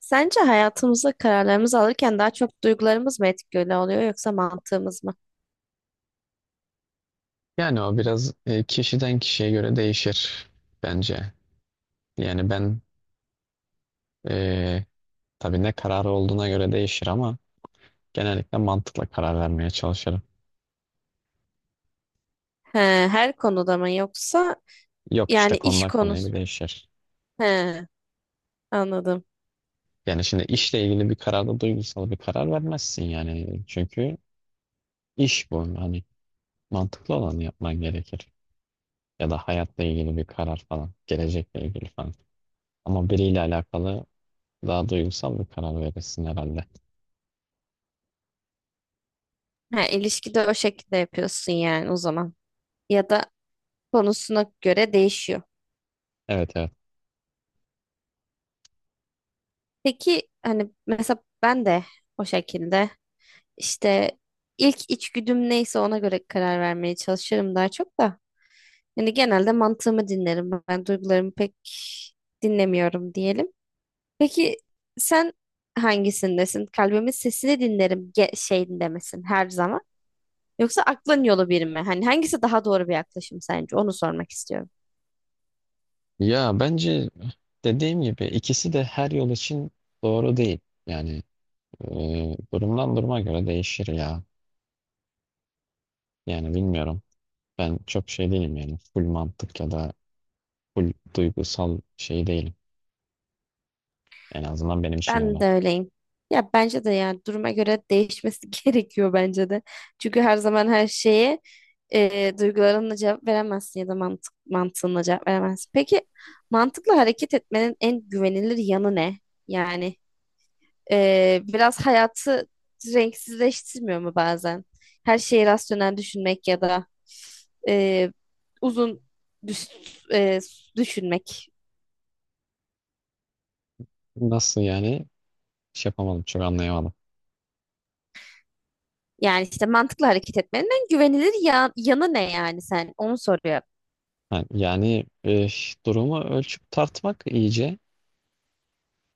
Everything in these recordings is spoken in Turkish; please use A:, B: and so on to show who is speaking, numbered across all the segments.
A: Sence hayatımızda kararlarımızı alırken daha çok duygularımız mı etkili oluyor yoksa mantığımız mı?
B: Yani o biraz kişiden kişiye göre değişir bence. Yani ben e, tabii ne kararı olduğuna göre değişir ama genellikle mantıkla karar vermeye çalışırım.
A: He, her konuda mı yoksa
B: Yok işte
A: yani iş
B: konudan konuya göre
A: konusu?
B: değişir.
A: He, anladım.
B: Yani şimdi işle ilgili bir kararda duygusal bir karar vermezsin yani. Çünkü iş bu. Hani mantıklı olanı yapman gerekir. Ya da hayatla ilgili bir karar falan. Gelecekle ilgili falan. Ama biriyle alakalı daha duygusal bir karar verirsin herhalde.
A: He, ilişkide o şekilde yapıyorsun yani o zaman. Ya da konusuna göre değişiyor.
B: Evet, evet.
A: Peki hani mesela ben de o şekilde işte ilk içgüdüm neyse ona göre karar vermeye çalışırım daha çok da. Yani genelde mantığımı dinlerim. Ben duygularımı pek dinlemiyorum diyelim. Peki sen hangisindesin? Kalbimin sesini dinlerim ge şeyinde misin her zaman? Yoksa aklın yolu bir mi? Hani hangisi daha doğru bir yaklaşım sence? Onu sormak istiyorum.
B: Ya bence dediğim gibi ikisi de her yol için doğru değil. Yani e, Durumdan duruma göre değişir ya. Yani bilmiyorum. Ben çok şey değilim yani. Full mantık ya da full duygusal şey değilim. En azından benim için
A: Ben
B: öyle.
A: de öyleyim. Ya bence de yani duruma göre değişmesi gerekiyor bence de. Çünkü her zaman her şeye duygularınla cevap veremezsin ya da mantık, mantığınla cevap veremezsin. Peki mantıkla hareket etmenin en güvenilir yanı ne? Yani biraz hayatı renksizleştirmiyor mu bazen? Her şeyi rasyonel düşünmek ya da e, uzun düş- e, düşünmek.
B: Nasıl yani? Şey yapamadım. Çok anlayamadım.
A: Yani işte mantıklı hareket etmenin güvenilir yanı ne yani sen? Onu soruyor.
B: Ha, durumu ölçüp tartmak iyice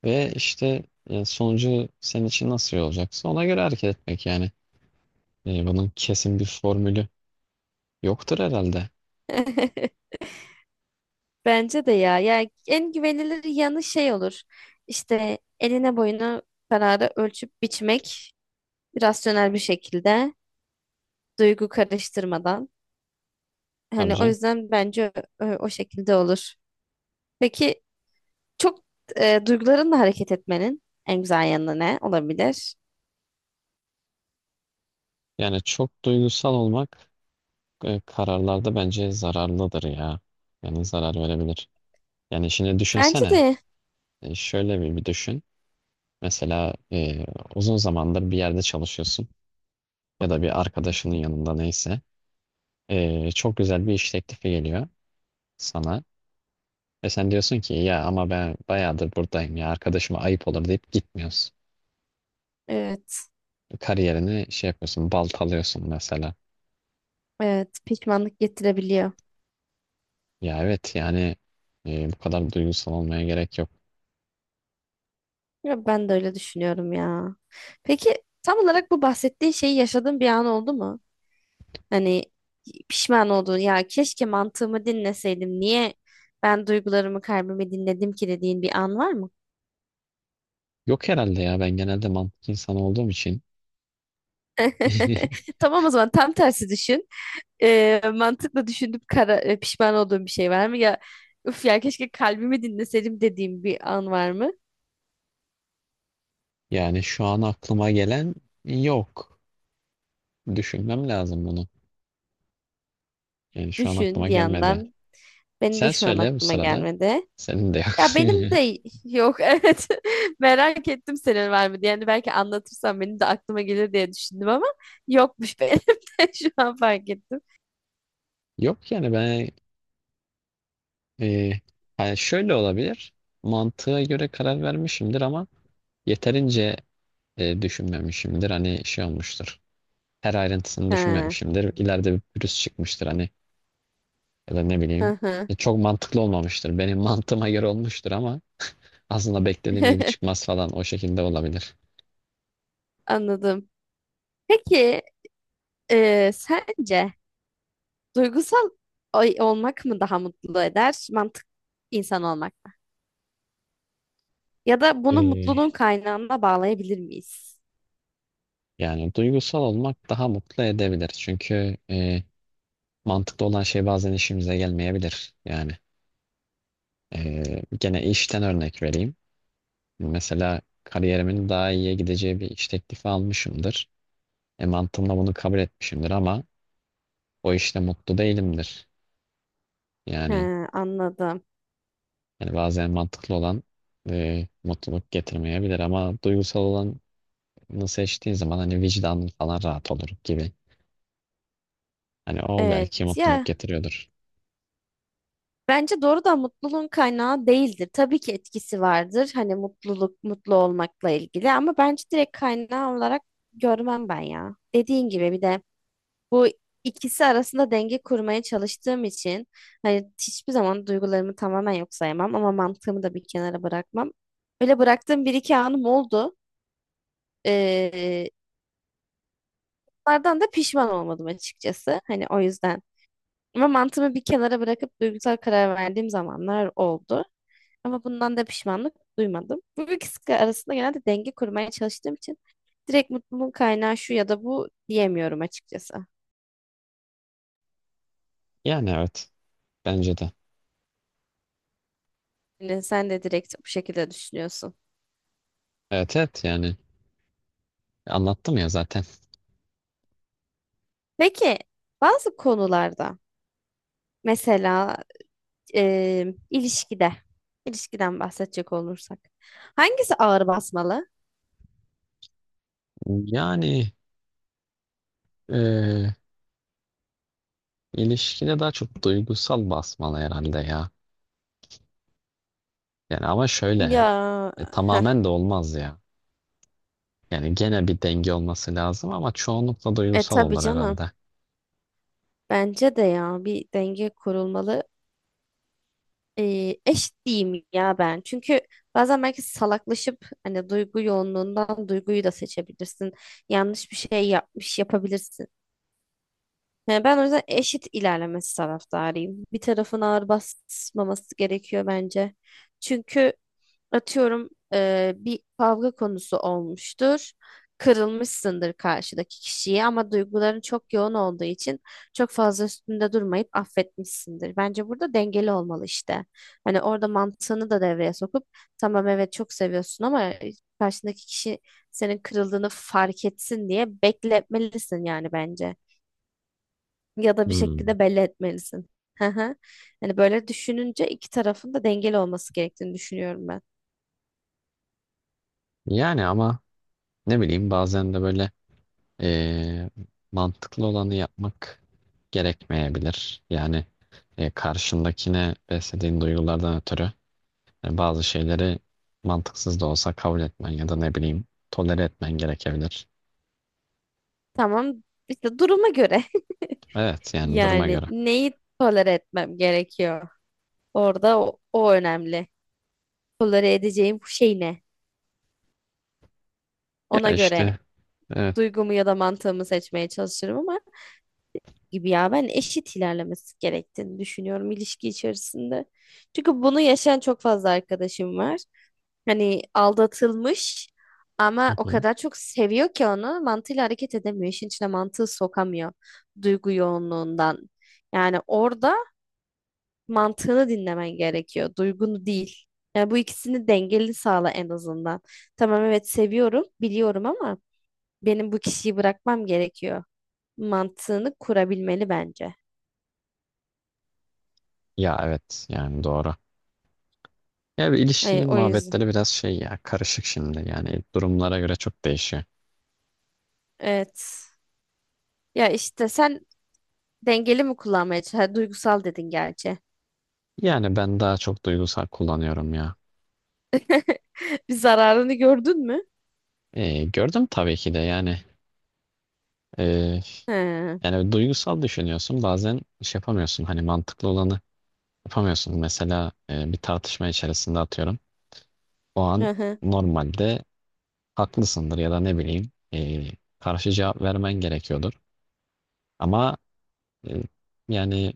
B: ve işte sonucu senin için nasıl olacaksa ona göre hareket etmek yani. Bunun kesin bir formülü yoktur herhalde.
A: Bence de ya. Yani en güvenilir yanı şey olur. İşte eline boyuna kararı ölçüp biçmek rasyonel bir şekilde duygu karıştırmadan.
B: Tabii
A: Hani o
B: canım.
A: yüzden bence o şekilde olur. Peki çok duygularınla hareket etmenin en güzel yanı ne olabilir?
B: Yani çok duygusal olmak kararlarda bence zararlıdır ya. Yani zarar verebilir. Yani şimdi
A: Bence
B: düşünsene.
A: de
B: Şöyle bir düşün. Mesela uzun zamandır bir yerde çalışıyorsun ya da bir arkadaşının yanında neyse. Çok güzel bir iş teklifi geliyor sana. Ve sen diyorsun ki ya ama ben bayağıdır buradayım ya arkadaşıma ayıp olur deyip gitmiyorsun.
A: evet.
B: Kariyerini şey yapıyorsun, baltalıyorsun mesela.
A: Evet, pişmanlık getirebiliyor.
B: Ya evet yani, bu kadar duygusal olmaya gerek yok.
A: Ya ben de öyle düşünüyorum ya. Peki tam olarak bu bahsettiğin şeyi yaşadığın bir an oldu mu? Hani pişman olduğun ya keşke mantığımı dinleseydim. Niye ben duygularımı kalbimi dinledim ki dediğin bir an var mı?
B: Yok herhalde ya, ben genelde mantık insanı olduğum için.
A: Tamam o zaman tam tersi düşün. Mantıkla düşünüp kara, pişman olduğun bir şey var mı? Ya üf ya keşke kalbimi dinleseydim dediğim bir an var mı?
B: Yani şu an aklıma gelen yok. Düşünmem lazım bunu. Yani şu an
A: Düşün
B: aklıma
A: bir
B: gelmedi.
A: yandan. Benim de
B: Sen
A: şu an
B: söyle bu
A: aklıma
B: sırada.
A: gelmedi.
B: Senin de yok.
A: Ya benim de yok evet. Merak ettim senin var mı diye. Yani belki anlatırsan benim de aklıma gelir diye düşündüm ama yokmuş benim de şu an fark ettim.
B: Yok yani ben e, hani şöyle olabilir. Mantığa göre karar vermişimdir ama yeterince düşünmemişimdir. Hani şey olmuştur. Her ayrıntısını
A: Ha,
B: düşünmemişimdir. İleride bir pürüz çıkmıştır hani, ya da ne
A: hı
B: bileyim.
A: hı.
B: Çok mantıklı olmamıştır. Benim mantığıma göre olmuştur ama aslında beklediğim gibi çıkmaz falan, o şekilde olabilir.
A: Anladım. Peki sence duygusal olmak mı daha mutlu eder, mantık insan olmak mı? Ya da bunu
B: Ee,
A: mutluluğun kaynağına bağlayabilir miyiz?
B: Yani duygusal olmak daha mutlu edebilir. Çünkü mantıklı olan şey bazen işimize gelmeyebilir. Yani gene işten örnek vereyim. Mesela kariyerimin daha iyiye gideceği bir iş teklifi almışımdır. Mantığımla bunu kabul etmişimdir ama o işte mutlu değilimdir. Yani,
A: Ha, anladım.
B: yani bazen mantıklı olan mutluluk getirmeyebilir ama duygusal olanı seçtiğin zaman hani vicdanın falan rahat olur gibi. Hani o belki
A: Evet
B: mutluluk
A: ya,
B: getiriyordur.
A: bence doğrudan mutluluğun kaynağı değildir. Tabii ki etkisi vardır. Hani mutluluk, mutlu olmakla ilgili ama bence direkt kaynağı olarak görmem ben ya. Dediğin gibi bir de bu ikisi arasında denge kurmaya çalıştığım için hani hiçbir zaman duygularımı tamamen yok sayamam ama mantığımı da bir kenara bırakmam. Öyle bıraktığım bir iki anım oldu. Ee, bunlardan da pişman olmadım açıkçası. Hani o yüzden. Ama mantığımı bir kenara bırakıp duygusal karar verdiğim zamanlar oldu. Ama bundan da pişmanlık duymadım. Bu ikisi arasında genelde denge kurmaya çalıştığım için direkt mutluluğun kaynağı şu ya da bu diyemiyorum açıkçası.
B: Yani evet. Bence de.
A: Yani sen de direkt bu şekilde düşünüyorsun.
B: Evet, evet yani. Anlattım ya zaten.
A: Peki bazı konularda mesela ilişkide, ilişkiden bahsedecek olursak hangisi ağır basmalı?
B: Yani e, ilişkide daha çok duygusal basmalı herhalde ya. Yani ama şöyle,
A: Ya heh,
B: tamamen de olmaz ya. Yani gene bir denge olması lazım ama çoğunlukla
A: e
B: duygusal
A: tabii
B: olur
A: canım.
B: herhalde.
A: Bence de ya bir denge kurulmalı, eş diyeyim ya ben. Çünkü bazen belki salaklaşıp hani duygu yoğunluğundan duyguyu da seçebilirsin. Yanlış bir şey yapmış yapabilirsin. Yani ben o yüzden eşit ilerlemesi taraftarıyım. Bir tarafın ağır basmaması gerekiyor bence. Çünkü atıyorum bir kavga konusu olmuştur. Kırılmışsındır karşıdaki kişiyi ama duyguların çok yoğun olduğu için çok fazla üstünde durmayıp affetmişsindir. Bence burada dengeli olmalı işte. Hani orada mantığını da devreye sokup tamam evet çok seviyorsun ama karşındaki kişi senin kırıldığını fark etsin diye bekletmelisin yani bence. Ya da bir
B: Hmm.
A: şekilde belli etmelisin. Hı hı. Hani böyle düşününce iki tarafın da dengeli olması gerektiğini düşünüyorum ben.
B: Yani ama ne bileyim, bazen de böyle e, mantıklı olanı yapmak gerekmeyebilir. Yani karşındakine beslediğin duygulardan ötürü bazı şeyleri mantıksız da olsa kabul etmen ya da ne bileyim, tolere etmen gerekebilir.
A: Tamam işte duruma göre
B: Evet yani, duruma
A: yani
B: göre.
A: neyi tolere etmem gerekiyor? Orada o önemli. Tolere edeceğim şey ne?
B: Ya
A: Ona göre
B: işte evet.
A: duygumu ya da mantığımı seçmeye çalışırım ama gibi ya ben eşit ilerlemesi gerektiğini düşünüyorum ilişki içerisinde. Çünkü bunu yaşayan çok fazla arkadaşım var. Hani aldatılmış
B: Hı
A: ama o
B: hı.
A: kadar çok seviyor ki onu mantığıyla hareket edemiyor. İşin içine mantığı sokamıyor duygu yoğunluğundan. Yani orada mantığını dinlemen gerekiyor, duygunu değil. Yani bu ikisini dengeli sağla en azından. Tamam evet seviyorum, biliyorum ama benim bu kişiyi bırakmam gerekiyor. Mantığını kurabilmeli bence.
B: Ya evet yani, doğru. Ya bir
A: Yani
B: ilişki
A: o yüzden.
B: muhabbetleri biraz şey ya, karışık şimdi yani, durumlara göre çok değişiyor.
A: Evet. Ya işte sen dengeli mi kullanmaya çalışıyorsun? Duygusal dedin gerçi.
B: Yani ben daha çok duygusal kullanıyorum ya.
A: Bir zararını gördün mü?
B: Gördüm tabii ki de yani. e,
A: He.
B: Yani evet, duygusal düşünüyorsun bazen, şey yapamıyorsun hani mantıklı olanı yapamıyorsun. Mesela bir tartışma içerisinde atıyorum. O
A: Hı
B: an
A: hı.
B: normalde haklısındır ya da ne bileyim, karşı cevap vermen gerekiyordur. Ama e, yani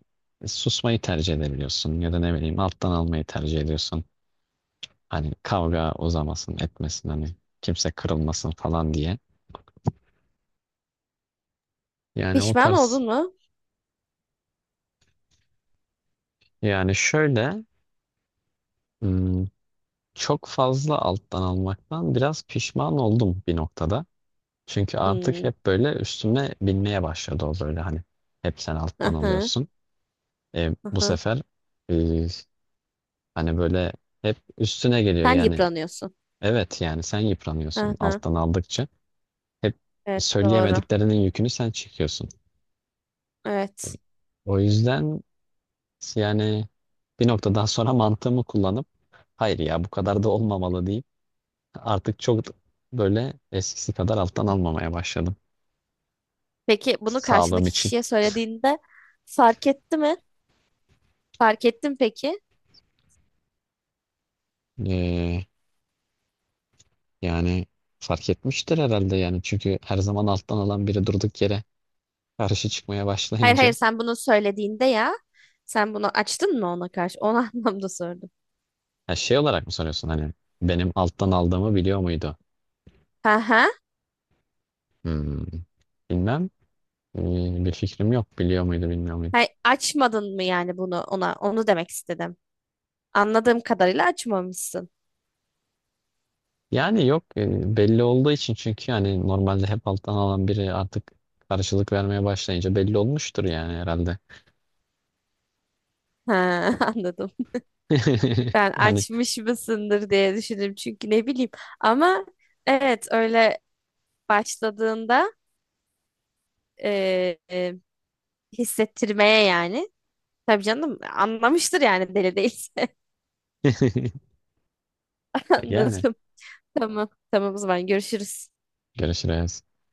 B: susmayı tercih edebiliyorsun ya da ne bileyim, alttan almayı tercih ediyorsun. Hani kavga uzamasın, etmesin, hani kimse kırılmasın falan diye. Yani o
A: Pişman
B: tarz,
A: oldun mu?
B: yani şöyle hmm, çok fazla alttan almaktan biraz pişman oldum bir noktada. Çünkü artık
A: Hmm.
B: hep böyle üstüme binmeye başladı o, böyle hani hep sen alttan
A: Aha.
B: alıyorsun. Bu
A: Aha.
B: sefer e, hani böyle hep üstüne geliyor
A: Sen
B: yani.
A: yıpranıyorsun.
B: Evet yani, sen yıpranıyorsun
A: Aha.
B: alttan aldıkça. Hep
A: Evet doğru.
B: söyleyemediklerinin yükünü sen çekiyorsun. E,
A: Evet.
B: O yüzden yani bir noktadan sonra mantığımı kullanıp hayır ya bu kadar da olmamalı deyip artık çok böyle eskisi kadar alttan almamaya başladım.
A: Peki bunu
B: Sağlığım
A: karşındaki
B: için.
A: kişiye söylediğinde fark etti mi? Fark ettin peki?
B: Ee, Yani fark etmiştir herhalde yani. Çünkü her zaman alttan alan biri durduk yere karşı çıkmaya
A: Hayır hayır,
B: başlayınca.
A: sen bunu söylediğinde ya sen bunu açtın mı ona karşı? O anlamda sordum.
B: Ha, şey olarak mı soruyorsun, hani benim alttan aldığımı biliyor muydu?
A: Ha ha.
B: Hmm, bilmem. Bir fikrim yok. Biliyor muydu, bilmiyor muydu?
A: Hayır, açmadın mı yani bunu ona? Onu demek istedim. Anladığım kadarıyla açmamışsın.
B: Yani yok, belli olduğu için, çünkü hani normalde hep alttan alan biri artık karşılık vermeye başlayınca belli olmuştur yani herhalde.
A: Ha anladım. Ben
B: Yani
A: açmış mısındır diye düşündüm çünkü ne bileyim. Ama evet öyle başladığında e, e, hissettirmeye yani. Tabii canım anlamıştır yani deli değil.
B: yani
A: Anladım. Tamam. Tamam o zaman görüşürüz.
B: görüşürüz.